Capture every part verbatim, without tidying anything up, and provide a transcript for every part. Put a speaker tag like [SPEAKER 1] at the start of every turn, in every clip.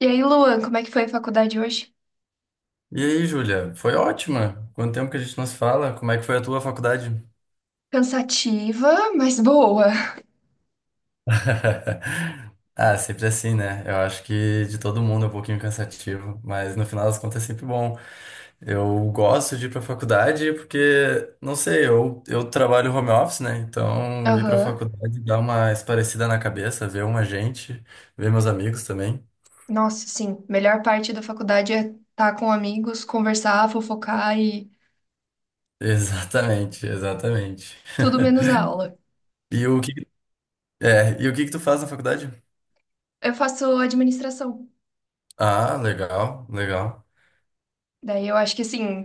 [SPEAKER 1] E aí, Luan, como é que foi a faculdade hoje?
[SPEAKER 2] E aí, Júlia? Foi ótima. Quanto tempo que a gente não se fala? Como é que foi a tua faculdade?
[SPEAKER 1] Cansativa, mas boa.
[SPEAKER 2] Ah, sempre assim, né? Eu acho que de todo mundo é um pouquinho cansativo, mas no final das contas é sempre bom. Eu gosto de ir pra faculdade porque, não sei, eu, eu trabalho home office, né? Então ir pra
[SPEAKER 1] Aham.
[SPEAKER 2] faculdade dá uma esparecida na cabeça, ver uma gente, ver meus amigos também.
[SPEAKER 1] Nossa, sim. Melhor parte da faculdade é estar com amigos, conversar, fofocar e
[SPEAKER 2] Exatamente, exatamente.
[SPEAKER 1] tudo menos a aula.
[SPEAKER 2] E o que, é, e o que que tu faz na faculdade?
[SPEAKER 1] Eu faço administração.
[SPEAKER 2] Ah, legal, legal.
[SPEAKER 1] Daí eu acho que assim,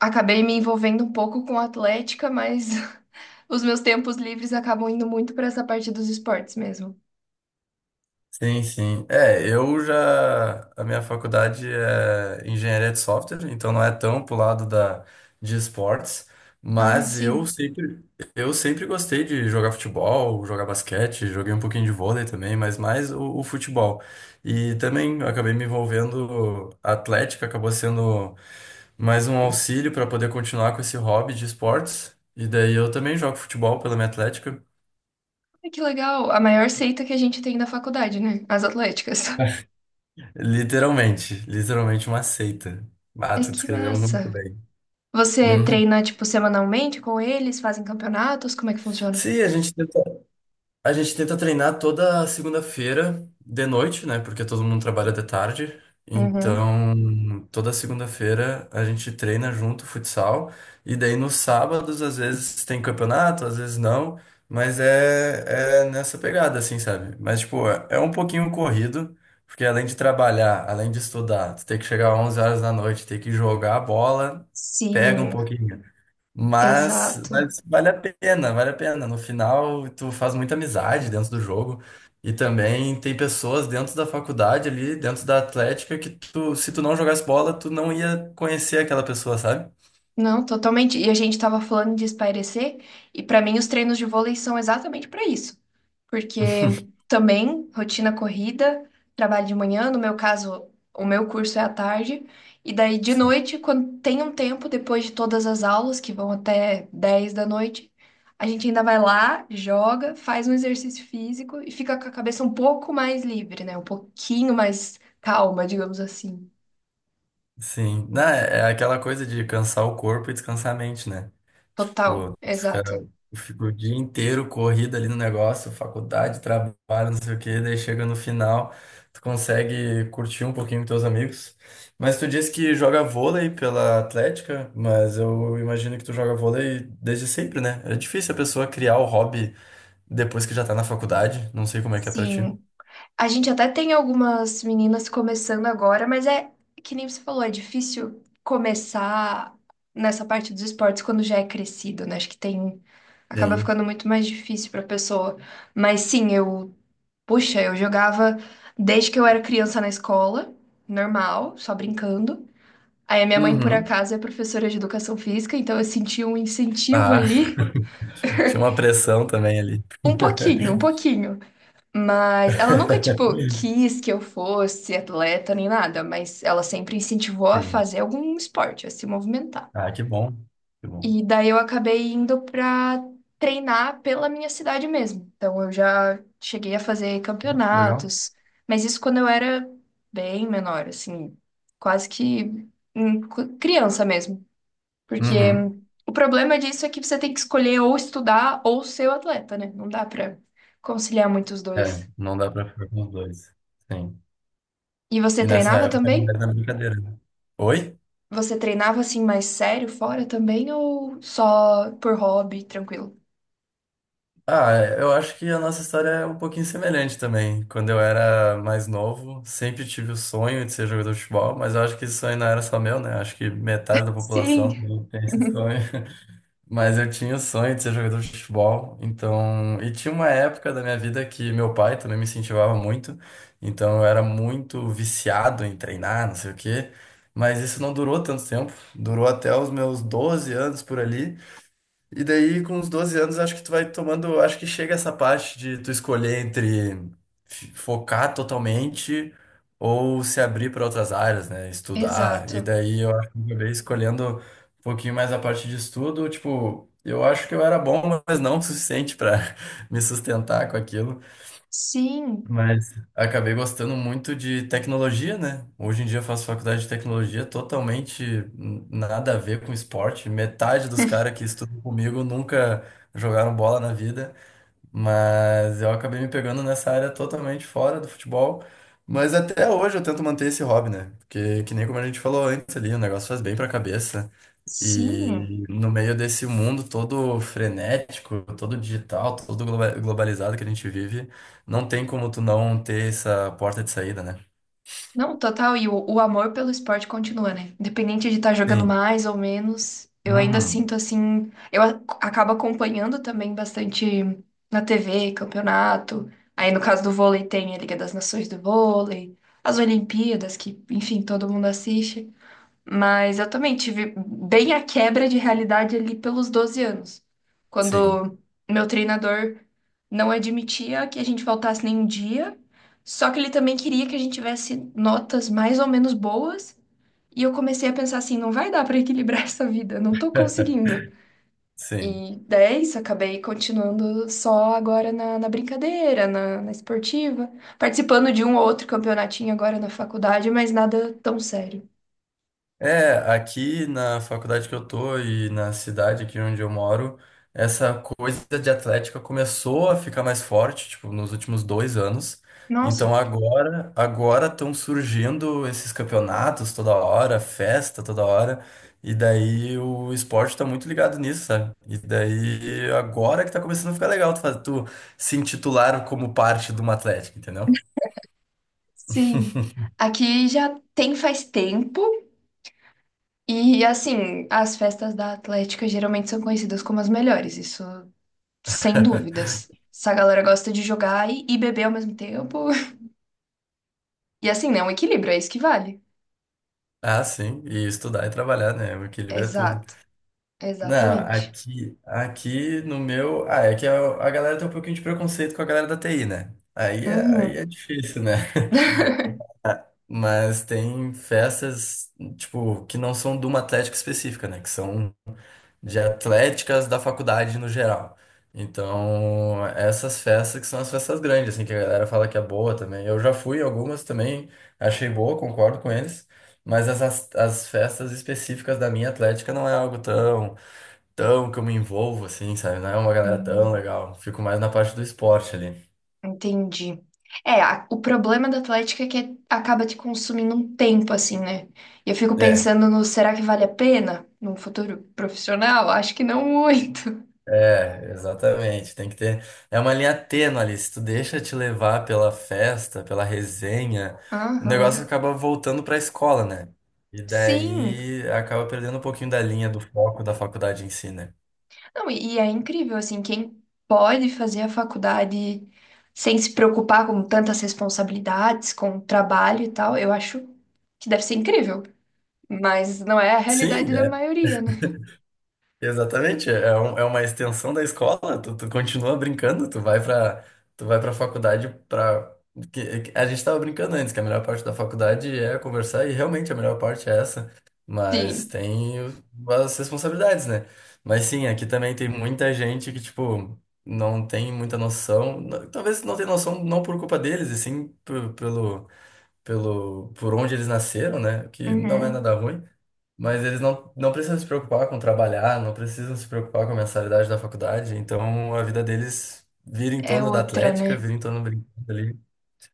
[SPEAKER 1] acabei me envolvendo um pouco com atlética, mas os meus tempos livres acabam indo muito para essa parte dos esportes mesmo.
[SPEAKER 2] Sim, sim. É, eu já. A minha faculdade é engenharia de software, então não é tão pro lado da, de esportes,
[SPEAKER 1] Ah,
[SPEAKER 2] mas eu
[SPEAKER 1] sim.
[SPEAKER 2] sempre, eu sempre gostei de jogar futebol, jogar basquete, joguei um pouquinho de vôlei também, mas mais o, o futebol. E também eu acabei me envolvendo, a atlética acabou sendo mais um auxílio para poder continuar com esse hobby de esportes. E daí eu também jogo futebol pela minha atlética.
[SPEAKER 1] Ai, que legal. A maior seita que a gente tem na faculdade, né? As atléticas.
[SPEAKER 2] Literalmente, literalmente uma seita. Ah,
[SPEAKER 1] Mas
[SPEAKER 2] tu
[SPEAKER 1] que
[SPEAKER 2] descreveu muito
[SPEAKER 1] massa.
[SPEAKER 2] bem.
[SPEAKER 1] Você
[SPEAKER 2] Uhum.
[SPEAKER 1] treina, tipo, semanalmente com eles? Fazem campeonatos? Como é que funciona?
[SPEAKER 2] Sim, a gente tenta A gente tenta treinar toda segunda-feira de noite, né? Porque todo mundo trabalha de tarde.
[SPEAKER 1] Uhum.
[SPEAKER 2] Então, toda segunda-feira a gente treina junto futsal. E daí nos sábados, às vezes tem campeonato, às vezes não. Mas é, é nessa pegada, assim, sabe? Mas, tipo, é é um pouquinho corrido. Porque além de trabalhar, além de estudar, tu tem que chegar às onze horas da noite, tem que jogar a bola, pega um
[SPEAKER 1] Sim,
[SPEAKER 2] pouquinho. Mas,
[SPEAKER 1] exato.
[SPEAKER 2] mas vale a pena, vale a pena. No final, tu faz muita amizade dentro do jogo. E também tem pessoas dentro da faculdade ali, dentro da Atlética, que tu, se tu não jogasse bola, tu não ia conhecer aquela pessoa, sabe?
[SPEAKER 1] Não, totalmente. E a gente estava falando de espairecer, e para mim os treinos de vôlei são exatamente para isso. Porque também rotina corrida, trabalho de manhã, no meu caso, o meu curso é à tarde, e daí de noite, quando tem um tempo, depois de todas as aulas, que vão até dez da noite, a gente ainda vai lá, joga, faz um exercício físico e fica com a cabeça um pouco mais livre, né? Um pouquinho mais calma, digamos assim.
[SPEAKER 2] Sim, não, é é aquela coisa de cansar o corpo e descansar a mente, né?
[SPEAKER 1] Total,
[SPEAKER 2] Tipo, tu fica,
[SPEAKER 1] exato.
[SPEAKER 2] tu fica o dia inteiro corrido ali no negócio, faculdade, trabalho, não sei o quê, daí chega no final, tu consegue curtir um pouquinho com teus amigos. Mas tu disse que joga vôlei pela Atlética, mas eu imagino que tu joga vôlei desde sempre, né? É difícil a pessoa criar o hobby depois que já tá na faculdade, não sei como é que é pra ti.
[SPEAKER 1] Sim. A gente até tem algumas meninas começando agora, mas é que nem você falou, é difícil começar nessa parte dos esportes quando já é crescido, né? Acho que tem. Acaba
[SPEAKER 2] Sim.
[SPEAKER 1] ficando muito mais difícil pra pessoa. Mas sim, eu. Puxa, eu jogava desde que eu era criança na escola, normal, só brincando. Aí a minha mãe, por
[SPEAKER 2] Uhum.
[SPEAKER 1] acaso, é professora de educação física, então eu senti um incentivo
[SPEAKER 2] Ah,
[SPEAKER 1] ali.
[SPEAKER 2] tinha uma pressão também ali.
[SPEAKER 1] Um pouquinho, um pouquinho. Mas ela nunca, tipo, quis que eu fosse atleta nem nada, mas ela sempre incentivou a
[SPEAKER 2] Sim.
[SPEAKER 1] fazer algum esporte, a se movimentar.
[SPEAKER 2] Ah, que bom. Que bom.
[SPEAKER 1] E daí eu acabei indo pra treinar pela minha cidade mesmo. Então eu já cheguei a fazer
[SPEAKER 2] Legal.
[SPEAKER 1] campeonatos, mas isso quando eu era bem menor, assim, quase que hum, cu- criança mesmo. Porque
[SPEAKER 2] Uhum.
[SPEAKER 1] o problema disso é que você tem que escolher ou estudar ou ser o atleta, né? Não dá pra conciliar muito os
[SPEAKER 2] É,
[SPEAKER 1] dois.
[SPEAKER 2] não dá pra ficar com os dois. Sim.
[SPEAKER 1] E você
[SPEAKER 2] E nessa
[SPEAKER 1] treinava
[SPEAKER 2] época não
[SPEAKER 1] também?
[SPEAKER 2] era mais brincadeira, né? Oi?
[SPEAKER 1] Você treinava assim mais sério fora também ou só por hobby, tranquilo?
[SPEAKER 2] Ah, é, eu acho que a nossa história é um pouquinho semelhante também. Quando eu era mais novo, sempre tive o sonho de ser jogador de futebol, mas eu acho que esse sonho não era só meu, né? Acho que metade da população
[SPEAKER 1] Sim.
[SPEAKER 2] tem esse sonho. Mas eu tinha o sonho de ser jogador de futebol, então. E tinha uma época da minha vida que meu pai também me incentivava muito, então eu era muito viciado em treinar, não sei o quê. Mas isso não durou tanto tempo, durou até os meus doze anos por ali. E daí, com uns doze anos, acho que tu vai tomando. Acho que chega essa parte de tu escolher entre f- focar totalmente ou se abrir para outras áreas, né? Estudar.
[SPEAKER 1] Exato.
[SPEAKER 2] E daí eu acho que eu acabei escolhendo um pouquinho mais a parte de estudo. Tipo, eu acho que eu era bom, mas não o suficiente para me sustentar com aquilo.
[SPEAKER 1] Sim,
[SPEAKER 2] Mas acabei gostando muito de tecnologia, né? Hoje em dia eu faço faculdade de tecnologia totalmente n- nada a ver com esporte. Metade dos caras que estudam comigo nunca jogaram bola na vida, mas eu acabei me pegando nessa área totalmente fora do futebol. Mas até hoje eu tento manter esse hobby, né? Porque, que nem como a gente falou antes ali, o negócio faz bem pra cabeça.
[SPEAKER 1] sim.
[SPEAKER 2] E no meio desse mundo todo frenético, todo digital, todo globa- globalizado que a gente vive, não tem como tu não ter essa porta de saída, né?
[SPEAKER 1] Não, total. E o, o amor pelo esporte continua, né? Independente de estar jogando
[SPEAKER 2] Sim.
[SPEAKER 1] mais ou menos, eu ainda
[SPEAKER 2] Uhum.
[SPEAKER 1] sinto assim. Eu a- acabo acompanhando também bastante na T V, campeonato. Aí no caso do vôlei tem a Liga das Nações do Vôlei, as Olimpíadas, que, enfim, todo mundo assiste. Mas eu também tive bem a quebra de realidade ali pelos doze anos,
[SPEAKER 2] Sim,
[SPEAKER 1] quando meu treinador não admitia que a gente faltasse nenhum dia, só que ele também queria que a gente tivesse notas mais ou menos boas, e eu comecei a pensar assim, não vai dar para equilibrar essa vida, não tô conseguindo.
[SPEAKER 2] sim.
[SPEAKER 1] E daí é isso, acabei continuando só agora na, na brincadeira, na, na esportiva, participando de um ou outro campeonatinho agora na faculdade, mas nada tão sério.
[SPEAKER 2] É, aqui na faculdade que eu tô e na cidade aqui onde eu moro, essa coisa de atlética começou a ficar mais forte, tipo, nos últimos dois anos. Então
[SPEAKER 1] Nossa,
[SPEAKER 2] agora, agora estão surgindo esses campeonatos toda hora, festa toda hora, e daí o esporte tá muito ligado nisso, sabe? E daí agora que tá começando a ficar legal tu, faz- tu se intitular como parte de uma atlética, entendeu?
[SPEAKER 1] sim, aqui já tem faz tempo e assim, as festas da Atlética geralmente são conhecidas como as melhores, isso sem dúvidas. Essa galera gosta de jogar e, e beber ao mesmo tempo. E assim, né, um equilíbrio, é isso que vale.
[SPEAKER 2] Ah, sim, e estudar e trabalhar, né? O equilíbrio é tudo.
[SPEAKER 1] Exato,
[SPEAKER 2] Não,
[SPEAKER 1] exatamente.
[SPEAKER 2] aqui, aqui no meu. Ah, é que a, a galera tem um pouquinho de preconceito com a galera da T I, né? Aí é, aí
[SPEAKER 1] Uhum.
[SPEAKER 2] é difícil, né? Mas tem festas, tipo, que não são de uma atlética específica, né? Que são de atléticas da faculdade no geral. Então, essas festas que são as festas grandes, assim, que a galera fala que é boa também. Eu já fui em algumas também, achei boa, concordo com eles. Mas as, as as festas específicas da minha atlética não é algo tão tão que eu me envolvo, assim, sabe? Não é uma galera
[SPEAKER 1] Hum,
[SPEAKER 2] tão legal. Fico mais na parte do esporte ali.
[SPEAKER 1] entendi. É, a- o problema da Atlética é que acaba te consumindo um tempo, assim, né? E eu fico
[SPEAKER 2] É,
[SPEAKER 1] pensando no será que vale a pena num futuro profissional? Acho que não muito.
[SPEAKER 2] é, exatamente. Tem que ter. É uma linha tênue ali. Se tu deixa te levar pela festa, pela resenha, o negócio
[SPEAKER 1] Aham.
[SPEAKER 2] acaba voltando pra escola, né? E
[SPEAKER 1] Sim.
[SPEAKER 2] daí acaba perdendo um pouquinho da linha do foco da faculdade em si, né?
[SPEAKER 1] Não, e, e é incrível, assim, quem pode fazer a faculdade sem se preocupar com tantas responsabilidades, com o trabalho e tal, eu acho que deve ser incrível. Mas não é a
[SPEAKER 2] Sim,
[SPEAKER 1] realidade da maioria, né?
[SPEAKER 2] exatamente, é, um- é uma extensão da escola, tu, tu continua brincando, tu vai pra, tu vai pra, faculdade pra... que- que- a gente tava brincando antes, que a melhor parte da faculdade é conversar, e realmente a melhor parte é essa, mas
[SPEAKER 1] Sim.
[SPEAKER 2] tem o- as responsabilidades, né? Mas sim, aqui também tem muita gente que, tipo, não tem muita noção, n- talvez não tenha noção não por culpa deles, e sim p- pelo pelo, por onde eles nasceram, né? O que não é
[SPEAKER 1] Uhum.
[SPEAKER 2] nada ruim, mas eles não, não precisam se preocupar com trabalhar, não precisam se preocupar com a mensalidade da faculdade, então a vida deles vira em
[SPEAKER 1] É
[SPEAKER 2] torno da
[SPEAKER 1] outra,
[SPEAKER 2] atlética,
[SPEAKER 1] né?
[SPEAKER 2] vira em torno do brinquedo ali.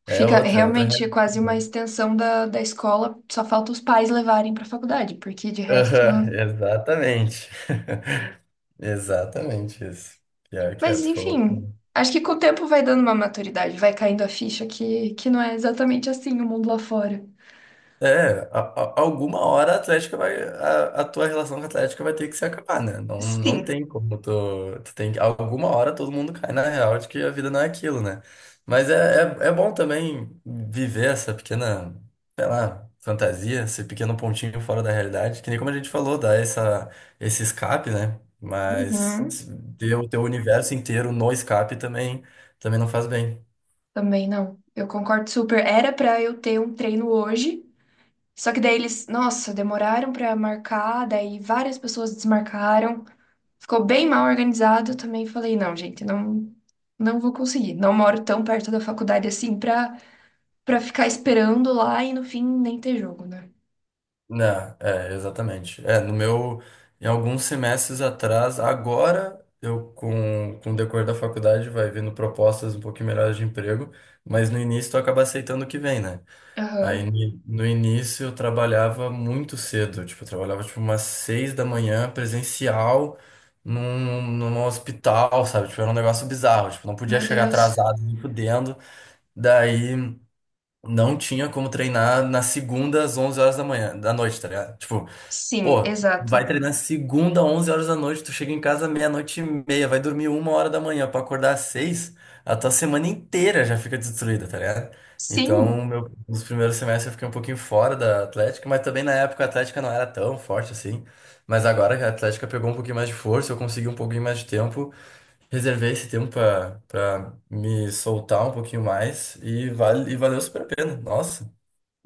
[SPEAKER 2] É
[SPEAKER 1] Fica
[SPEAKER 2] outra, é outra
[SPEAKER 1] realmente
[SPEAKER 2] realidade,
[SPEAKER 1] quase uma
[SPEAKER 2] né?
[SPEAKER 1] extensão da, da escola, só falta os pais levarem pra faculdade, porque de resto.
[SPEAKER 2] Aham, exatamente. Exatamente isso. Pior que é,
[SPEAKER 1] Mas
[SPEAKER 2] tu falou.
[SPEAKER 1] enfim, acho que com o tempo vai dando uma maturidade, vai caindo a ficha que, que não é exatamente assim o mundo lá fora.
[SPEAKER 2] É, a- a- alguma hora a Atlética vai, a, a tua relação com a Atlética vai ter que se acabar, né? Não, não
[SPEAKER 1] Sim.
[SPEAKER 2] tem como tu, tu, tem, que- alguma hora todo mundo cai na real de que a vida não é aquilo, né? Mas é, é, é bom também viver essa pequena, sei lá, fantasia, esse pequeno pontinho fora da realidade, que nem como a gente falou, dá essa, esse escape, né? Mas
[SPEAKER 1] Uhum.
[SPEAKER 2] ter o teu universo inteiro no escape também, também não faz bem.
[SPEAKER 1] Também não. Eu concordo super. Era pra eu ter um treino hoje, só que daí eles, nossa, demoraram pra marcar, daí várias pessoas desmarcaram. Ficou bem mal organizado. Eu também falei, não, gente, não não vou conseguir. Não moro tão perto da faculdade assim pra para ficar esperando lá e no fim nem ter jogo, né?
[SPEAKER 2] Né, é, exatamente. É, no meu, em alguns semestres atrás, agora eu com, com o decorrer da faculdade vai vendo propostas um pouquinho melhores de emprego, mas no início tu acaba aceitando o que vem, né? Aí
[SPEAKER 1] Aham.
[SPEAKER 2] no, no início eu trabalhava muito cedo, tipo, eu trabalhava tipo umas seis da manhã presencial num, num hospital, sabe? Tipo, era um negócio bizarro, tipo, não podia
[SPEAKER 1] Meu
[SPEAKER 2] chegar
[SPEAKER 1] Deus.
[SPEAKER 2] atrasado, nem fudendo. Daí não tinha como treinar na segunda às onze horas da manhã, da noite, tá ligado? Tipo,
[SPEAKER 1] Sim,
[SPEAKER 2] pô, vai
[SPEAKER 1] exato.
[SPEAKER 2] treinar segunda, onze horas da noite, tu chega em casa meia-noite e meia, vai dormir uma hora da manhã pra acordar às seis, a tua semana inteira já fica destruída, tá ligado? Então,
[SPEAKER 1] Sim!
[SPEAKER 2] meu, nos primeiros semestres eu fiquei um pouquinho fora da Atlética, mas também na época a Atlética não era tão forte assim. Mas agora que a Atlética pegou um pouquinho mais de força, eu consegui um pouquinho mais de tempo, reservei esse tempo pra, pra me soltar um pouquinho mais e, vale, e valeu super a pena, nossa.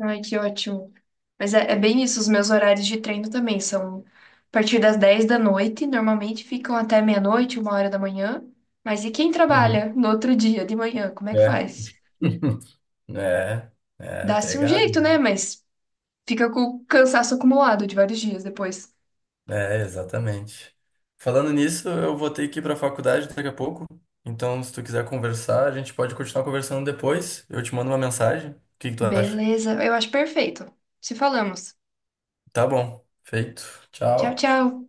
[SPEAKER 1] Ai, que ótimo. Mas é, é bem isso, os meus horários de treino também são a partir das dez da noite, normalmente ficam até meia-noite, uma hora da manhã. Mas e quem
[SPEAKER 2] Uhum.
[SPEAKER 1] trabalha no outro dia de manhã, como é que
[SPEAKER 2] É.
[SPEAKER 1] faz?
[SPEAKER 2] É, é,
[SPEAKER 1] Dá-se um
[SPEAKER 2] pegado.
[SPEAKER 1] jeito, né? Mas fica com o cansaço acumulado de vários dias depois.
[SPEAKER 2] É, exatamente. Falando nisso, eu vou ter que ir para a faculdade daqui a pouco. Então, se tu quiser conversar, a gente pode continuar conversando depois. Eu te mando uma mensagem. O que que tu acha?
[SPEAKER 1] Beleza, eu acho perfeito. Se falamos.
[SPEAKER 2] Tá bom. Feito.
[SPEAKER 1] Tchau,
[SPEAKER 2] Tchau.
[SPEAKER 1] tchau.